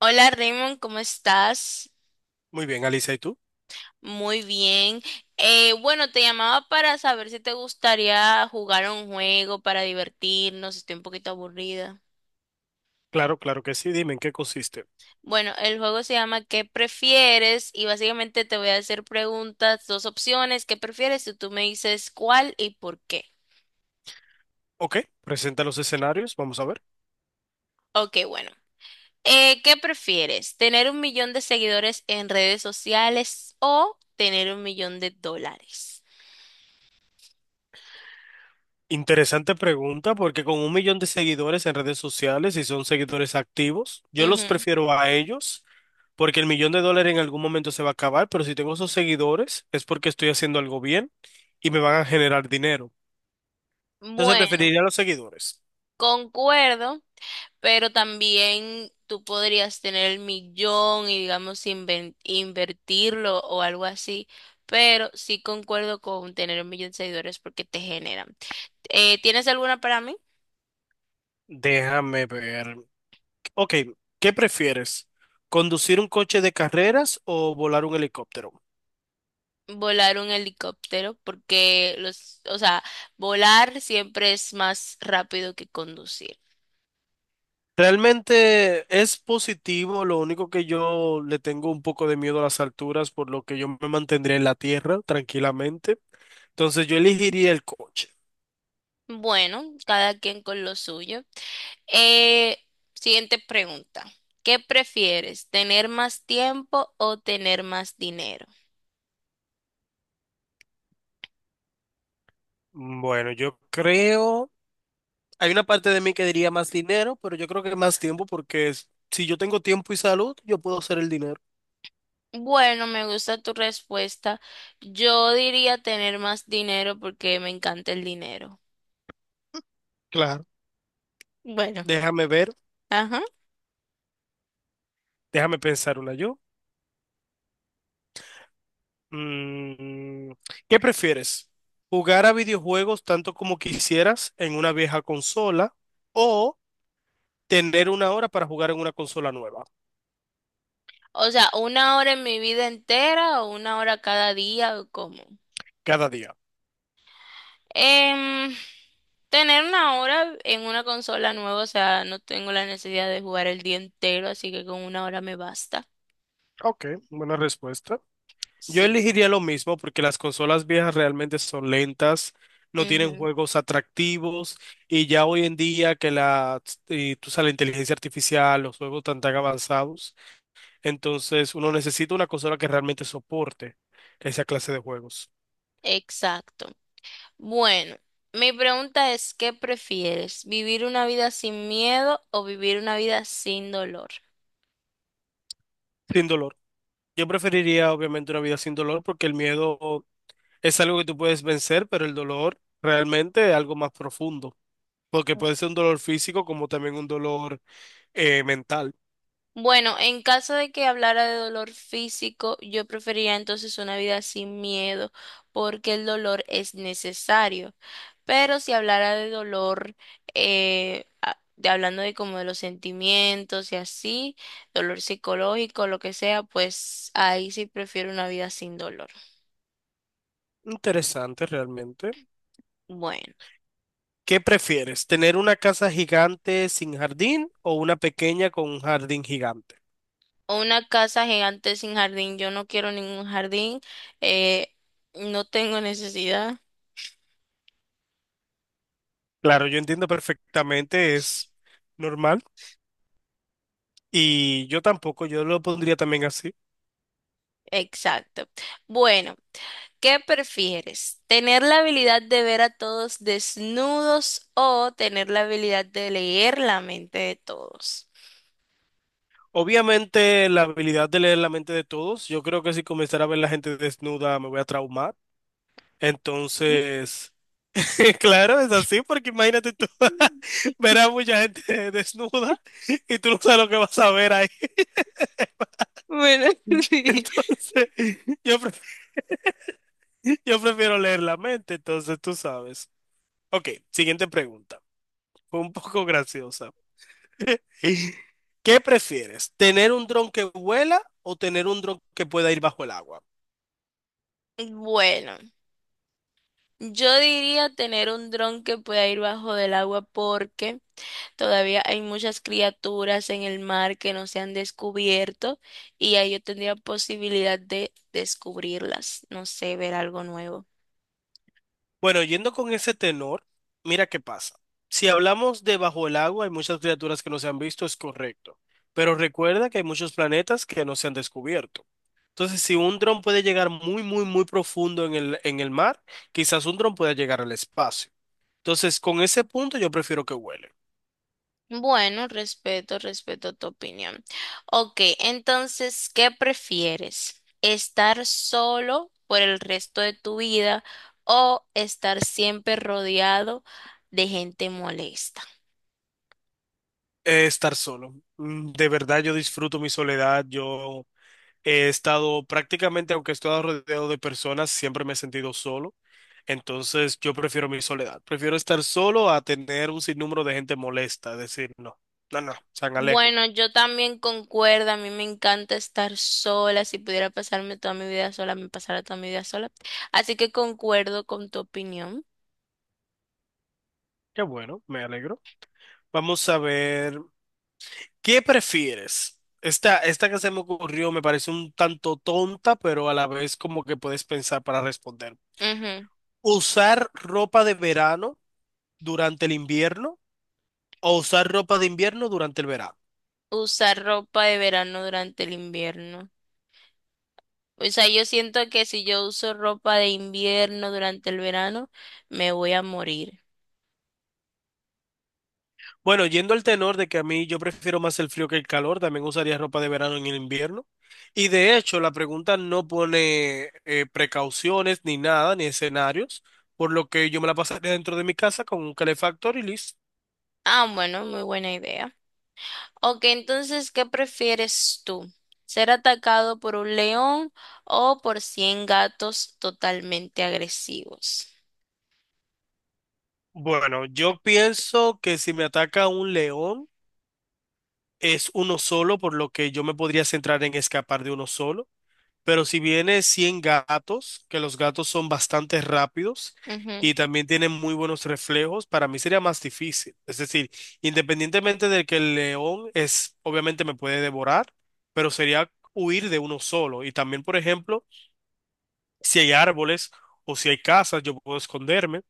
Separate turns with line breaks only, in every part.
Hola Raymond, ¿cómo estás?
Muy bien, Alicia, ¿y tú?
Muy bien. Bueno, te llamaba para saber si te gustaría jugar un juego para divertirnos. Estoy un poquito aburrida.
Claro, claro que sí. Dime en qué consiste.
Bueno, el juego se llama ¿Qué prefieres? Y básicamente te voy a hacer preguntas, dos opciones. ¿Qué prefieres? Y tú me dices cuál y por qué.
Ok, presenta los escenarios, vamos a ver.
Ok, bueno. ¿Qué prefieres? ¿Tener un millón de seguidores en redes sociales o tener 1.000.000 de dólares?
Interesante pregunta, porque con 1 millón de seguidores en redes sociales, y son seguidores activos, yo los
Ujú.
prefiero a ellos, porque el 1 millón de dólares en algún momento se va a acabar, pero si tengo esos seguidores es porque estoy haciendo algo bien y me van a generar dinero. Entonces
Bueno,
preferiría a los seguidores.
concuerdo. Pero también tú podrías tener el millón y digamos invertirlo o algo así, pero sí concuerdo con tener 1.000.000 de seguidores porque te generan. ¿Tienes alguna para mí?
Déjame ver. Ok, ¿qué prefieres? ¿Conducir un coche de carreras o volar un helicóptero?
Volar un helicóptero porque los, o sea, volar siempre es más rápido que conducir.
Realmente es positivo, lo único que yo le tengo un poco de miedo a las alturas, por lo que yo me mantendría en la tierra tranquilamente. Entonces yo elegiría el coche.
Bueno, cada quien con lo suyo. Eh, Siguiente pregunta. ¿Qué prefieres, tener más tiempo o tener más dinero?
Bueno, yo creo, hay una parte de mí que diría más dinero, pero yo creo que más tiempo si yo tengo tiempo y salud, yo puedo hacer el dinero.
Bueno, me gusta tu respuesta. Yo diría tener más dinero porque me encanta el dinero.
Claro.
Bueno,
Déjame ver,
ajá.
déjame pensar una yo. Mm, ¿Qué prefieres? ¿Jugar a videojuegos tanto como quisieras en una vieja consola o tener 1 hora para jugar en una consola nueva
O sea, una hora en mi vida entera o una hora cada día o cómo.
cada día?
Em, Tener una hora en una consola nueva, o sea, no tengo la necesidad de jugar el día entero, así que con una hora me basta.
Ok, buena respuesta. Yo
Sí.
elegiría lo mismo porque las consolas viejas realmente son lentas, no tienen
Ujú.
juegos atractivos y ya hoy en día que la, y tú sabes, la inteligencia artificial, los juegos tan tan avanzados, entonces uno necesita una consola que realmente soporte esa clase de juegos
Exacto. Bueno, mi pregunta es, ¿qué prefieres? ¿Vivir una vida sin miedo o vivir una vida sin dolor?
sin dolor. Yo preferiría obviamente una vida sin dolor porque el miedo es algo que tú puedes vencer, pero el dolor realmente es algo más profundo. Porque puede ser un dolor físico como también un dolor mental.
Bueno, en caso de que hablara de dolor físico, yo preferiría entonces una vida sin miedo porque el dolor es necesario. Pero si hablara de dolor, hablando de como de los sentimientos y así, dolor psicológico, lo que sea, pues ahí sí prefiero una vida sin dolor.
Interesante realmente.
Bueno.
¿Qué prefieres? ¿Tener una casa gigante sin jardín o una pequeña con un jardín gigante?
O una casa gigante sin jardín. Yo no quiero ningún jardín. eh, no tengo necesidad.
Claro, yo entiendo perfectamente, es normal y yo tampoco, yo lo pondría también así.
Exacto. Bueno, ¿qué prefieres? ¿Tener la habilidad de ver a todos desnudos o tener la habilidad de leer la mente de todos?
Obviamente la habilidad de leer la mente de todos, yo creo que si comenzara a ver la gente desnuda me voy a traumar. Entonces... Claro, es así, porque imagínate tú ver a mucha gente desnuda y tú no sabes lo que vas a ver ahí.
Bueno, sí.
Entonces, yo prefiero, yo prefiero leer la mente, entonces tú sabes. Ok, siguiente pregunta. Fue un poco graciosa. ¿Qué prefieres? ¿Tener un dron que vuela o tener un dron que pueda ir bajo el agua?
Bueno, yo diría tener un dron que pueda ir bajo del agua porque todavía hay muchas criaturas en el mar que no se han descubierto y ahí yo tendría posibilidad de descubrirlas, no sé, ver algo nuevo.
Bueno, yendo con ese tenor, mira qué pasa. Si hablamos de bajo el agua, hay muchas criaturas que no se han visto, es correcto. Pero recuerda que hay muchos planetas que no se han descubierto. Entonces, si un dron puede llegar muy, muy, muy profundo en el mar, quizás un dron pueda llegar al espacio. Entonces, con ese punto yo prefiero que huele.
Bueno, respeto, respeto tu opinión. Ok, entonces, ¿qué prefieres? ¿Estar solo por el resto de tu vida o estar siempre rodeado de gente molesta?
Estar solo. De verdad, yo disfruto mi soledad. Yo he estado prácticamente, aunque he estado rodeado de personas, siempre me he sentido solo. Entonces yo prefiero mi soledad. Prefiero estar solo a tener un sinnúmero de gente molesta. Decir, no, no, no, San Alejo.
Bueno, yo también concuerdo, a mí me encanta estar sola, si pudiera pasarme toda mi vida sola, me pasara toda mi vida sola. Así que concuerdo con tu opinión.
Qué bueno, me alegro. Vamos a ver, ¿qué prefieres? Esta que se me ocurrió me parece un tanto tonta, pero a la vez como que puedes pensar para responder.
Ujú.
¿Usar ropa de verano durante el invierno o usar ropa de invierno durante el verano?
Usar ropa de verano durante el invierno. O sea, yo siento que si yo uso ropa de invierno durante el verano, me voy a morir.
Bueno, yendo al tenor de que a mí yo prefiero más el frío que el calor, también usaría ropa de verano en el invierno. Y de hecho, la pregunta no pone precauciones ni nada, ni escenarios, por lo que yo me la pasaría dentro de mi casa con un calefactor y listo.
Ah, bueno, muy buena idea. Ok, entonces, ¿qué prefieres tú? ¿Ser atacado por un león o por 100 gatos totalmente agresivos?
Bueno, yo pienso que si me ataca un león es uno solo, por lo que yo me podría centrar en escapar de uno solo. Pero si viene 100 gatos, que los gatos son bastante rápidos y también tienen muy buenos reflejos, para mí sería más difícil. Es decir, independientemente de que el león es, obviamente me puede devorar, pero sería huir de uno solo. Y también, por ejemplo, si hay árboles o si hay casas, yo puedo esconderme.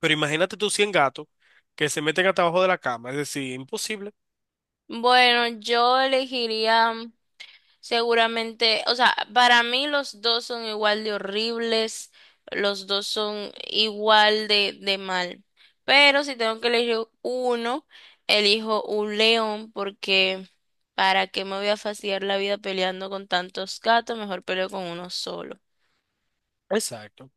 Pero imagínate tú 100 gatos que se meten hasta abajo de la cama. Es decir, imposible.
Bueno, yo elegiría seguramente, o sea, para mí los dos son igual de horribles, los dos son igual de mal, pero si tengo que elegir uno, elijo un león porque para qué me voy a fastidiar la vida peleando con tantos gatos, mejor peleo con uno solo.
Exacto.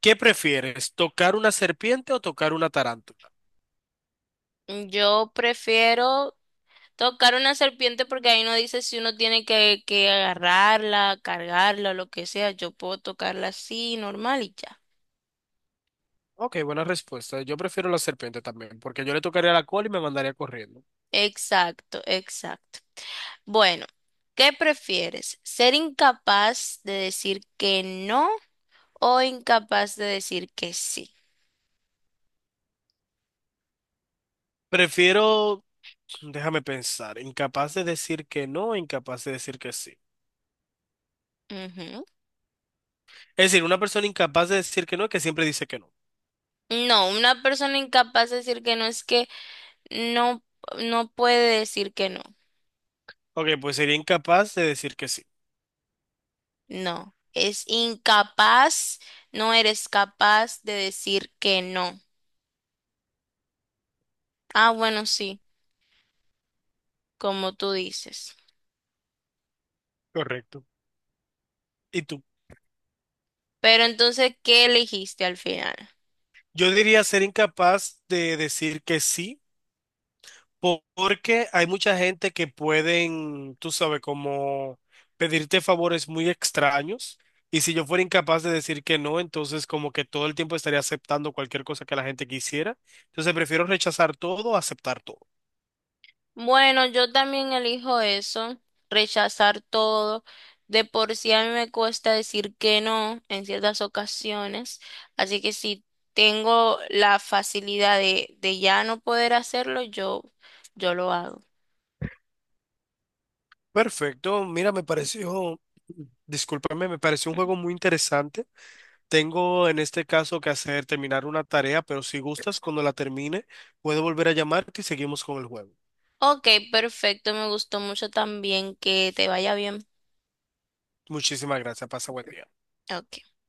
¿Qué prefieres, tocar una serpiente o tocar una tarántula?
Yo prefiero tocar una serpiente porque ahí no dice si uno tiene que agarrarla, cargarla o lo que sea. Yo puedo tocarla así, normal y ya.
Ok, buena respuesta. Yo prefiero la serpiente también, porque yo le tocaría la cola y me mandaría corriendo.
Exacto, exacto. Bueno, ¿qué prefieres? ¿Ser incapaz de decir que no o incapaz de decir que sí?
Prefiero, déjame pensar, incapaz de decir que no, incapaz de decir que sí.
Ujú.
Es decir, una persona incapaz de decir que no, que siempre dice que no.
No, una persona incapaz de decir que no es que no, no puede decir que no.
Ok, pues sería incapaz de decir que sí.
No, es incapaz, no eres capaz de decir que no. Ah, bueno, sí, como tú dices.
Correcto. ¿Y tú?
Pero entonces, ¿qué elegiste al final?
Yo diría ser incapaz de decir que sí. Porque hay mucha gente que pueden, tú sabes, como pedirte favores muy extraños. Y si yo fuera incapaz de decir que no, entonces como que todo el tiempo estaría aceptando cualquier cosa que la gente quisiera. Entonces prefiero rechazar todo, a aceptar todo.
Bueno, yo también elijo eso, rechazar todo. De por sí a mí me cuesta decir que no en ciertas ocasiones, así que si tengo la facilidad de ya no poder hacerlo, yo lo hago.
Perfecto. Mira, me pareció, discúlpame, me pareció un juego muy interesante. Tengo en este caso que hacer terminar una tarea, pero si gustas, cuando la termine, puedo volver a llamarte y seguimos con el juego.
Ok, perfecto, me gustó mucho también que te vaya bien.
Muchísimas gracias. Pasa buen día.
Ok.